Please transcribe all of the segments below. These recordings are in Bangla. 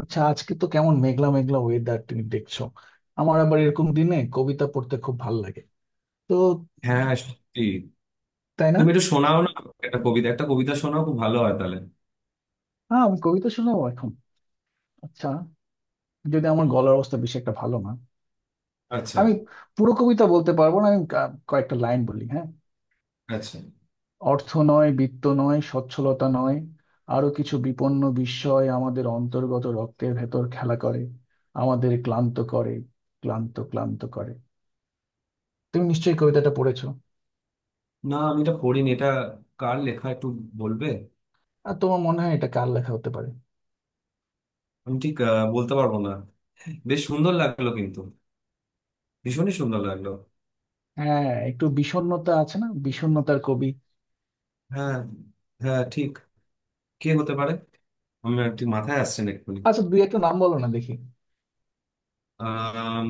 আচ্ছা, আজকে তো কেমন মেঘলা মেঘলা ওয়েদার, তুমি দেখছো? আমার আবার এরকম দিনে কবিতা পড়তে খুব ভালো লাগে, তো। হ্যাঁ, সত্যি। তাই না? তুমি এটা শোনাও না। একটা কবিতা, একটা কবিতা শোনাও, খুব ভালো হয় তাহলে। হ্যাঁ, আমি কবিতা শোনাবো এখন। আচ্ছা, যদি আমার গলার অবস্থা বেশি একটা ভালো না। আচ্ছা। আমি পুরো কবিতা বলতে পারবো না, আমি কয়েকটা লাইন বলি, হ্যাঁ। আচ্ছা, অর্থ নয়, বিত্ত নয়, সচ্ছলতা নয়, আরো কিছু বিপন্ন বিস্ময় আমাদের অন্তর্গত রক্তের ভেতর খেলা করে, আমাদের ক্লান্ত করে, ক্লান্ত ক্লান্ত করে। তুমি নিশ্চয়ই কবিতাটা পড়েছো? না, আমি এটা পড়িনি এটা। কার লেখা একটু বলবে? আর তোমার মনে হয় এটা কার লেখা হতে পারে? আমি ঠিক বলতে পারবো না। বেশ সুন্দর লাগলো কিন্তু। ভীষণই সুন্দর লাগলো। হ্যাঁ, একটু বিষণ্ণতা আছে না, বিষণ্ণতার কবি। হ্যাঁ। হ্যাঁ, ঠিক। কে হতে পারে? আমার ঠিক মাথায় আসছে না এক্ষুনি। আচ্ছা, দুই একটা নাম বলো না দেখি। আম,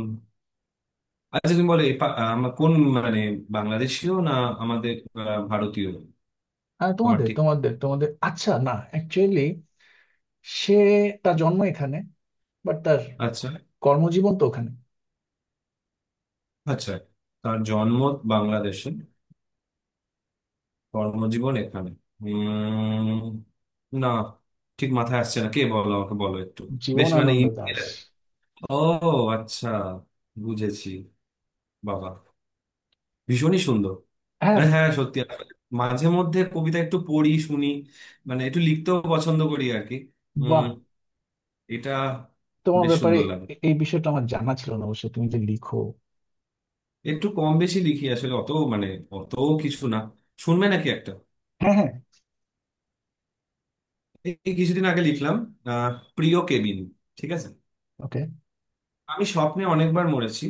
আচ্ছা, তুমি বলে আমার কোন মানে, বাংলাদেশীয় না আমাদের ভারতীয়? হ্যাঁ, আমার তোমাদের ঠিক। তোমাদের তোমাদের আচ্ছা, না, অ্যাকচুয়ালি সে, তার জন্ম এখানে, বাট তার আচ্ছা। কর্মজীবন তো ওখানে। আচ্ছা, তার জন্ম বাংলাদেশে, কর্মজীবন এখানে। উম, না, ঠিক মাথায় আসছে না। কে বলো, আমাকে বলো একটু। বেশ, মানে জীবনানন্দ ইমেল। দাশ। ও, আচ্ছা, বুঝেছি। বাবা, ভীষণই সুন্দর। হ্যাঁ। মানে হ্যাঁ, সত্যি, আসলে মাঝে মধ্যে কবিতা একটু পড়ি, শুনি। মানে একটু লিখতেও পছন্দ করি আর কি। উম। বাহ, এটা তোমার বেশ ব্যাপারে সুন্দর লাগে। এই বিষয়টা আমার জানা ছিল না, অবশ্য তুমি যে লিখো। একটু কম বেশি লিখি আসলে, অত মানে অত কিছু না। শুনবে নাকি একটা? হ্যাঁ, হ্যাঁ। এই কিছুদিন আগে লিখলাম। আহ, প্রিয় কেবিন। ঠিক আছে। ওকে। আমি স্বপ্নে অনেকবার মরেছি,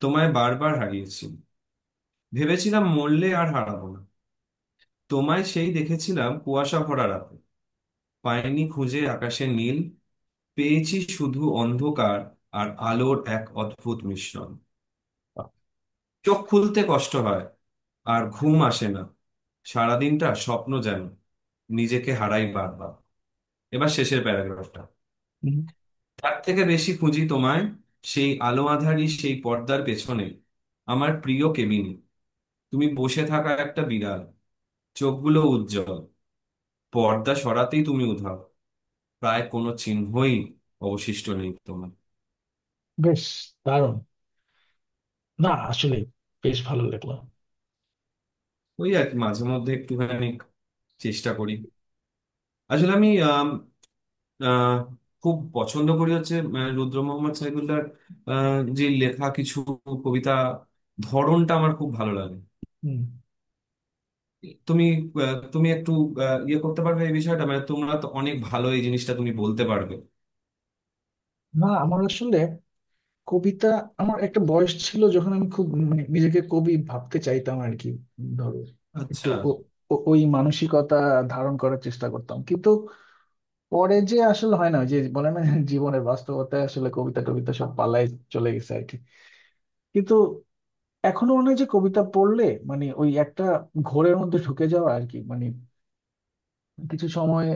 তোমায় বারবার হারিয়েছি। ভেবেছিলাম মরলে আর হারাবো না। তোমায় সেই দেখেছিলাম কুয়াশা ভরা রাতে। পাইনি খুঁজে আকাশে নীল, পেয়েছি শুধু অন্ধকার আর আলোর এক অদ্ভুত মিশ্রণ। চোখ খুলতে কষ্ট হয়, আর ঘুম আসে না। সারাদিনটা স্বপ্ন যেন, নিজেকে হারাই বারবার। এবার শেষের প্যারাগ্রাফটা। তার থেকে বেশি খুঁজি তোমায়, সেই আলো আঁধারি, সেই পর্দার পেছনে, আমার প্রিয় কেবিনে। তুমি বসে থাকা একটা বিড়াল, চোখগুলো উজ্জ্বল। পর্দা সরাতেই তুমি উধাও, প্রায় কোনো চিহ্নই অবশিষ্ট নেই তোমার। বেশ, দারুণ। না আসলে, বেশ ভালো লাগলো। ওই আর কি, মাঝে মধ্যে একটুখানি চেষ্টা করি। আসলে আমি আহ, খুব পছন্দ করি হচ্ছে রুদ্র মোহাম্মদ সাইফুল্লাহর যে লেখা, কিছু কবিতা ধরনটা আমার খুব ভালো লাগে। হম। তুমি তুমি একটু ইয়ে করতে পারবে এই বিষয়টা, মানে তোমরা তো অনেক ভালো, এই জিনিসটা তুমি বলতে পারবে। না আমার আসলে কবিতা, আমার একটা বয়স ছিল যখন আমি খুব, মানে নিজেকে কবি ভাবতে চাইতাম আর কি। ধরো, একটু আচ্ছা। ওই মানসিকতা ধারণ করার চেষ্টা করতাম, কিন্তু পরে যে আসলে হয় না। ওই যে বলে না জীবনের বাস্তবতায় আসলে কবিতা টবিতা সব পালায়, চলে গেছে আর কি। কিন্তু এখনো মনে হয় যে কবিতা পড়লে, মানে ওই একটা ঘোরের মধ্যে ঢুকে যাওয়া আর কি, মানে কিছু সময়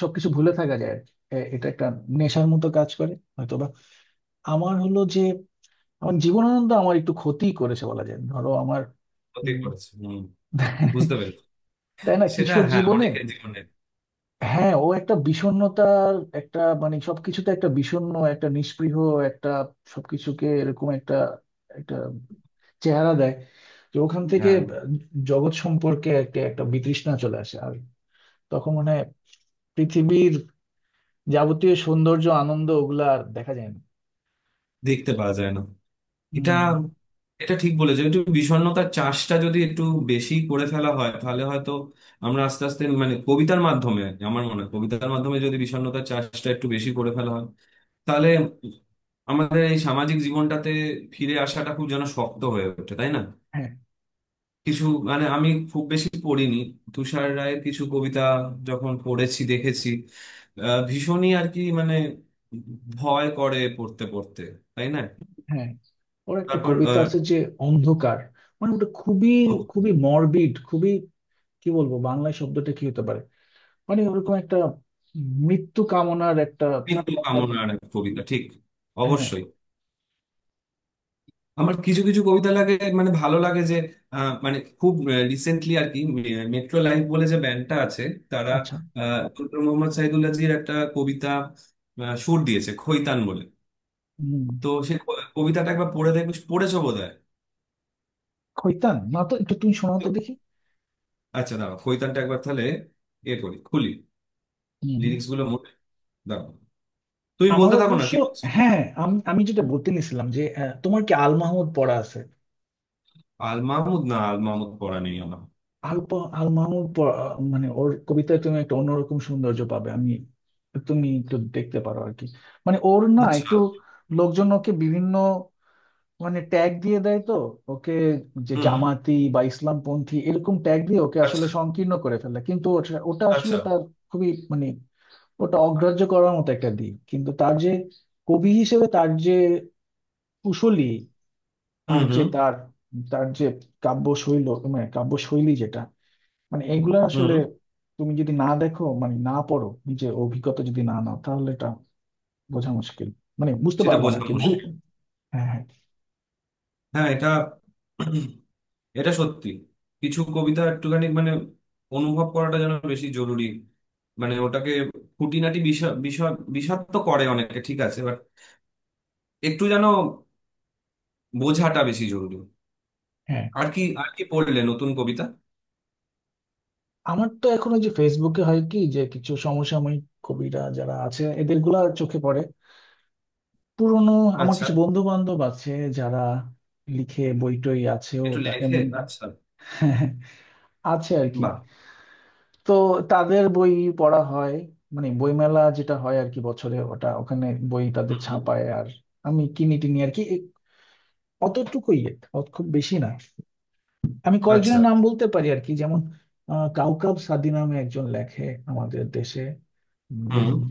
সবকিছু ভুলে থাকা যায় আর কি। এটা একটা নেশার মতো কাজ করে হয়তোবা। আমার হলো যে, এখন জীবনানন্দ আমার একটু ক্ষতি করেছে বলা যায়, ধরো আমার। হতে উম, করেছে, হম, বুঝতে পেরেছি। তাই না, সেটা, কিশোর হ্যাঁ, জীবনে। অনেকের জীবনে। হ্যাঁ, ও একটা বিষণ্ণতার, একটা মানে সবকিছুতে একটা বিষণ্ণ, একটা নিস্পৃহ, একটা সবকিছুকে এরকম একটা একটা চেহারা দেয়, যে ওখান থেকে হ্যাঁ। জগৎ সম্পর্কে একটা একটা বিতৃষ্ণা চলে আসে। আর তখন মানে পৃথিবীর যাবতীয় সৌন্দর্য আনন্দ ওগুলা আর দেখা যায় না। দেখতে পাওয়া যায় না। এটা, এটা ঠিক বলেছো, একটু বিষণ্ণতার চাষটা যদি একটু বেশি করে ফেলা হয় তাহলে হয়তো আমরা আস্তে আস্তে মানে কবিতার মাধ্যমে, আমার মনে হয় কবিতার মাধ্যমে যদি বিষণ্ণতার চাষটা একটু বেশি করে ফেলা হয় তাহলে আমাদের এই সামাজিক জীবনটাতে ফিরে আসাটা খুব যেন শক্ত হয়ে ওঠে, তাই না? হম। কিছু, মানে আমি খুব বেশি পড়িনি, তুষার রায়ের কিছু কবিতা যখন পড়েছি দেখেছি ভীষণই আর কি, মানে ভয় করে পড়তে পড়তে, তাই না? হ্যাঁ, ওর একটা তারপর কবিতা আছে যে অন্ধকার, মানে ওটা খুবই, আহ, খুবই মরবিড, খুবই, কি বলবো, বাংলায় শব্দটা কি হতে পারে, মানে ওরকম একটা মৃত্যু কামনার একটা মৃত্যু একটা-। কামনার এক কবিতা, ঠিক, হ্যাঁ। অবশ্যই। আমার কিছু কিছু কবিতা লাগে, মানে ভালো লাগে যে মানে খুব রিসেন্টলি আর কি, মেট্রো লাইফ বলে যে ব্যান্ডটা আছে, তারা আচ্ছা। ডক্টর মোহাম্মদ সাইদুল্লাহজির একটা কবিতা সুর দিয়েছে, খৈতান বলে। হম। তো সে কবিতাটা একবার পড়ে দেখবে, পড়েছো বোধহয়। খৈতান, না তো, একটু তুমি শোনাতে দেখি। আচ্ছা, দাঁড়াও, খৈতানটা একবার তাহলে এ করি, খুলি। হম। লিরিক্স গুলো মোট, দাঁড়াও। তুমি আমার বলতে থাকো না, অবশ্য, কি বলছি। হ্যাঁ, আমি আমি যেটা বলতে নিছিলাম যে তোমার কি আল মাহমুদ পড়া আছে? আল মাহমুদ, না, আল মাহমুদ পড়া নেই আমার। আল মাহমুদ মানে ওর কবিতায় তুমি একটা অন্যরকম সৌন্দর্য পাবে আমি, তুমি একটু দেখতে পারো আর কি। মানে ওর না আচ্ছা। একটু, লোকজন ওকে বিভিন্ন মানে ট্যাগ দিয়ে দেয় তো ওকে, যে হুম। জামাতি বা ইসলামপন্থী এরকম ট্যাগ দিয়ে ওকে আচ্ছা। আসলে সংকীর্ণ করে ফেলে, কিন্তু ওটা ওটা আসলে আচ্ছা। তার খুবই মানে, ওটা অগ্রাহ্য করার মতো একটা দিক, কিন্তু তার যে কবি হিসেবে তার যে কুশলী, হুম। আর যে হুম। তার, তার যে কাব্য শৈল, মানে কাব্য শৈলী যেটা, মানে এইগুলো আসলে হুম। তুমি যদি না দেখো, মানে না পড়ো, নিজে অভিজ্ঞতা যদি না নাও, তাহলে এটা বোঝা মুশকিল, মানে বুঝতে সেটা পারবো না বোঝা আর কি। ভুল। মুশকিল। হ্যাঁ, হ্যাঁ, হ্যাঁ, এটা এটা সত্যি। কিছু কবিতা একটুখানি মানে অনুভব করাটা যেন বেশি জরুরি। মানে ওটাকে খুঁটিনাটি বিষয় বিষয় বিষাদ তো করে অনেকে, ঠিক আছে, বাট একটু যেন বোঝাটা বেশি জরুরি। হ্যাঁ। আর কি, আর কি পড়লে নতুন কবিতা? আমার তো এখন ওই যে ফেসবুকে হয় কি, যে কিছু সমসাময়িক কবিরা যারা আছে এদের গুলা চোখে পড়ে। পুরনো, আমার আচ্ছা। কিছু বন্ধু বান্ধব আছে যারা লিখে, বই টই আছেও একটু তা লেখে। এমন, আচ্ছা। আছে আর কি। বাহ। তো তাদের বই পড়া হয়, মানে বইমেলা যেটা হয় আর কি বছরে, ওটা ওখানে বই তাদের হুম। ছাপায়, আর আমি কিনি টিনি আর কি, অতটুকুই, অত খুব বেশি না। আমি আচ্ছা। কয়েকজনের নাম বলতে পারি আর কি, যেমন কাউকাব সাদি নামে একজন লেখে আমাদের দেশে। হুম। উম,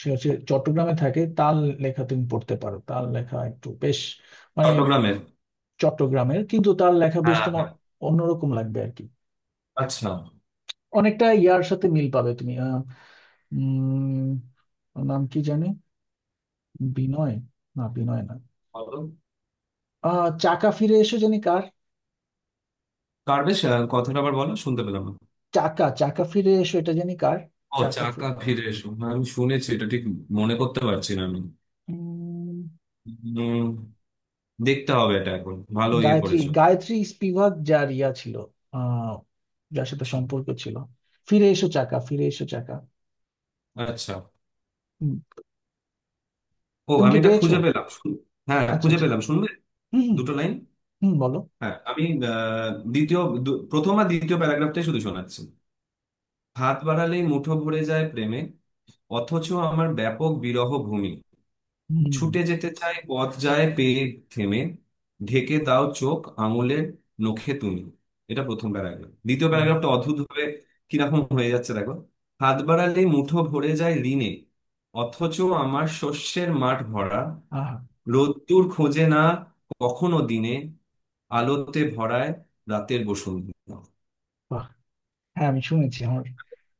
সে হচ্ছে চট্টগ্রামে থাকে, তার লেখা তুমি পড়তে পারো, তার লেখা একটু বেশ মানে, চট্টগ্রামের। চট্টগ্রামের কিন্তু তার লেখা বেশ হ্যাঁ, তোমার হ্যাঁ। অন্যরকম লাগবে আর কি, আচ্ছা। অনেকটা ইয়ার সাথে মিল পাবে তুমি। আহ, উম ওর নাম কি জানি, বিনয়, না বিনয় না। বলো। আহ, চাকা ফিরে এসো, জানি কার। কার? বেশ, কথাটা আবার বলো, শুনতে পেলাম না। চাকা চাকা ফিরে এসো, এটা জানি কার। ও, চাকা চাকা ফিরে, ফিরে এসো, হ্যাঁ, আমি শুনেছি এটা, ঠিক। মনে করতে পারছি না আমি। উম, দেখতে হবে এটা এখন, ভালো ইয়ে গায়ত্রী করেছো। গায়ত্রী স্পিভাক যার ইয়া ছিল, আহ, যার সাথে সম্পর্ক ছিল। ফিরে এসো চাকা, ফিরে এসো চাকা। আচ্ছা। হুম। ও, তুমি আমি কি এটা পেয়েছো? খুঁজে পেলাম, হ্যাঁ, আচ্ছা, খুঁজে আচ্ছা। পেলাম, শুনবে? হুম, হুম। দুটো লাইন। হুম, বলো। হ্যাঁ, আমি দ্বিতীয়, প্রথম আর দ্বিতীয় প্যারাগ্রাফটাই শুধু শোনাচ্ছি। হাত বাড়ালেই মুঠো ভরে যায় প্রেমে, অথচ আমার ব্যাপক বিরহ ভূমি। হুম। ছুটে যেতে চাই পথ, যায় পেয়ে থেমে। ঢেকে দাও চোখ আঙুলের নখে তুমি। এটা প্রথম প্যারাগ্রাফ। দ্বিতীয় হ্যাঁ। প্যারাগ্রাফটা অদ্ভুত ভাবে কিরকম হয়ে যাচ্ছে দেখো। হাত বাড়ালে মুঠো ভরে যায় ঋণে, অথচ আমার শস্যের মাঠ ভরা। আহা। রোদ্দুর খোঁজে না কখনো দিনে, আলোতে ভরায় রাতের বসন্ত। বাহ। হ্যাঁ, আমি শুনেছি আমার,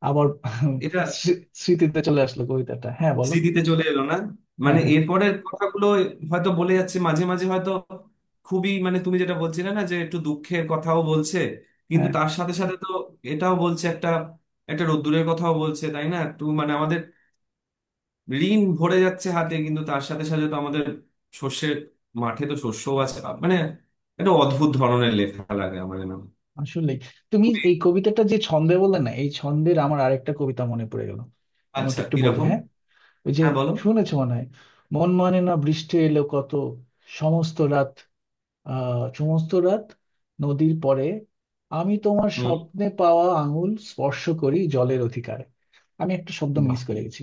আবার এটা স্মৃতিতে চলে আসলো কবিতাটা, হ্যাঁ বলো। স্মৃতিতে চলে এলো না। হ্যাঁ, মানে হ্যাঁ, এরপরের কথাগুলো হয়তো বলে যাচ্ছে, মাঝে মাঝে হয়তো খুবই, মানে তুমি যেটা বলছিলে না, যে একটু দুঃখের কথাও বলছে, কিন্তু হ্যাঁ। তার সাথে সাথে তো এটাও বলছে, একটা একটা রোদ্দুরের কথাও বলছে, তাই না? তো মানে আমাদের ঋণ ভরে যাচ্ছে হাতে, কিন্তু তার সাথে সাথে তো আমাদের শস্যের মাঠে তো শস্যও আছে। মানে একটা অদ্ভুত ধরনের লেখা লাগে আমার, নাম। আসলে তুমি এই কবিতাটা যে ছন্দে বললে না, এই ছন্দের আমার আরেকটা কবিতা মনে পড়ে গেল, আমি ওটা আচ্ছা, একটু বলি কিরকম? হ্যাঁ। ওই যে, হ্যাঁ, বলো। শুনেছো মনে হয়, মন মানে না, বৃষ্টি এলো কত, সমস্ত রাত, আহ, সমস্ত রাত নদীর পরে, আমি তোমার হম। স্বপ্নে পাওয়া আঙুল স্পর্শ করি জলের অধিকারে। আমি একটা শব্দ মিস বাহ। করে গেছি,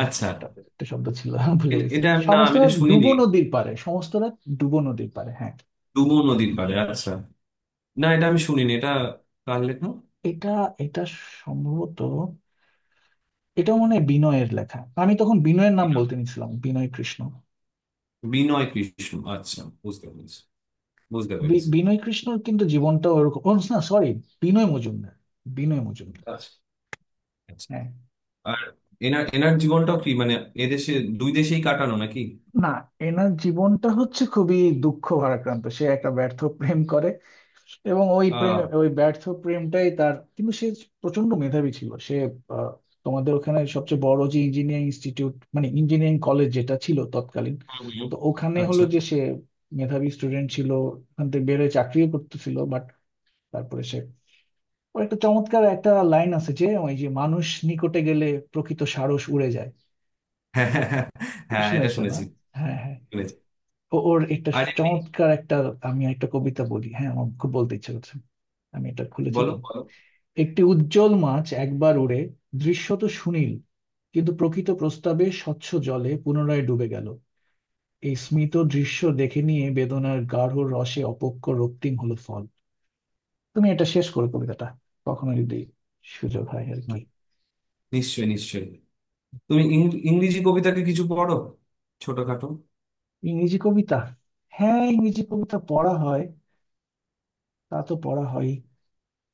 এখানে আচ্ছা। একটা একটা শব্দ ছিল ভুলে গেছি। এটা না, সমস্ত আমি এটা রাত শুনিনি। ডুবো নদীর পারে, সমস্ত রাত ডুবো নদীর পারে, হ্যাঁ। ডুমো নদীর পাড়ে, আচ্ছা। না, এটা আমি শুনিনি, এটা কার লেখা? এটা এটা সম্ভবত, এটা মনে হয় বিনয়ের লেখা। আমি তখন বিনয়ের নাম বলতে নিছিলাম, বিনয় কৃষ্ণ। বিনয় কৃষ্ণ, আচ্ছা, বুঝতে পেরেছি, বুঝতে পেরেছি। বিনয় কৃষ্ণর কিন্তু জীবনটা ওরকম ও না, সরি, বিনয় মজুমদার, বিনয় মজুমদার। আচ্ছা। আচ্ছা। হ্যাঁ। আর এনার এনার জীবনটাও কি মানে এদেশে, দুই দেশেই কাটানো নাকি? না, এনার জীবনটা হচ্ছে খুবই দুঃখ ভারাক্রান্ত। সে একটা ব্যর্থ প্রেম করে, এবং ওই প্রেম আহ। ওই ব্যর্থ প্রেমটাই তার, কিন্তু সে প্রচন্ড মেধাবী ছিল সে। আহ, তোমাদের ওখানে সবচেয়ে বড় যে ইঞ্জিনিয়ারিং ইনস্টিটিউট, মানে ইঞ্জিনিয়ারিং কলেজ যেটা ছিল তৎকালীন, হুম, হুম। তো ওখানে হলো আচ্ছা। যে সে মেধাবী স্টুডেন্ট ছিল। ওখান থেকে বেরোয়, চাকরিও করতেছিল, বাট তারপরে সে, ও একটা চমৎকার একটা লাইন আছে যে, ওই যে মানুষ নিকটে গেলে প্রকৃত সারস উড়ে যায়। হ্যাঁ, হ্যাঁ, হ্যাঁ। হ্যাঁ, এটা শুনেছো না? শুনেছি। হ্যাঁ, হ্যাঁ। শুনেছি। ওর একটা আর এমনি? চমৎকার একটা, আমি একটা কবিতা বলি হ্যাঁ, আমার খুব বলতে ইচ্ছে করছে, আমি এটা খুলেছি বলো, তো। বলো। একটি উজ্জ্বল মাছ একবার উড়ে দৃশ্যত সুনীল, কিন্তু প্রকৃত প্রস্তাবে স্বচ্ছ জলে পুনরায় ডুবে গেল। এই স্মিত দৃশ্য দেখে নিয়ে বেদনার গাঢ় রসে অপক্ষ রক্তিম হলো ফল। তুমি এটা শেষ করো কবিতাটা কখনো, যদি সুযোগ হয় আর কি। হ্যাঁ, নিশ্চয়ই, নিশ্চয়ই। তুমি ইংরেজি কবিতাকে কিছু পড়ো, ছোটখাটো? ইংরেজি কবিতা, হ্যাঁ ইংরেজি কবিতা পড়া হয়, তা তো পড়া হয়।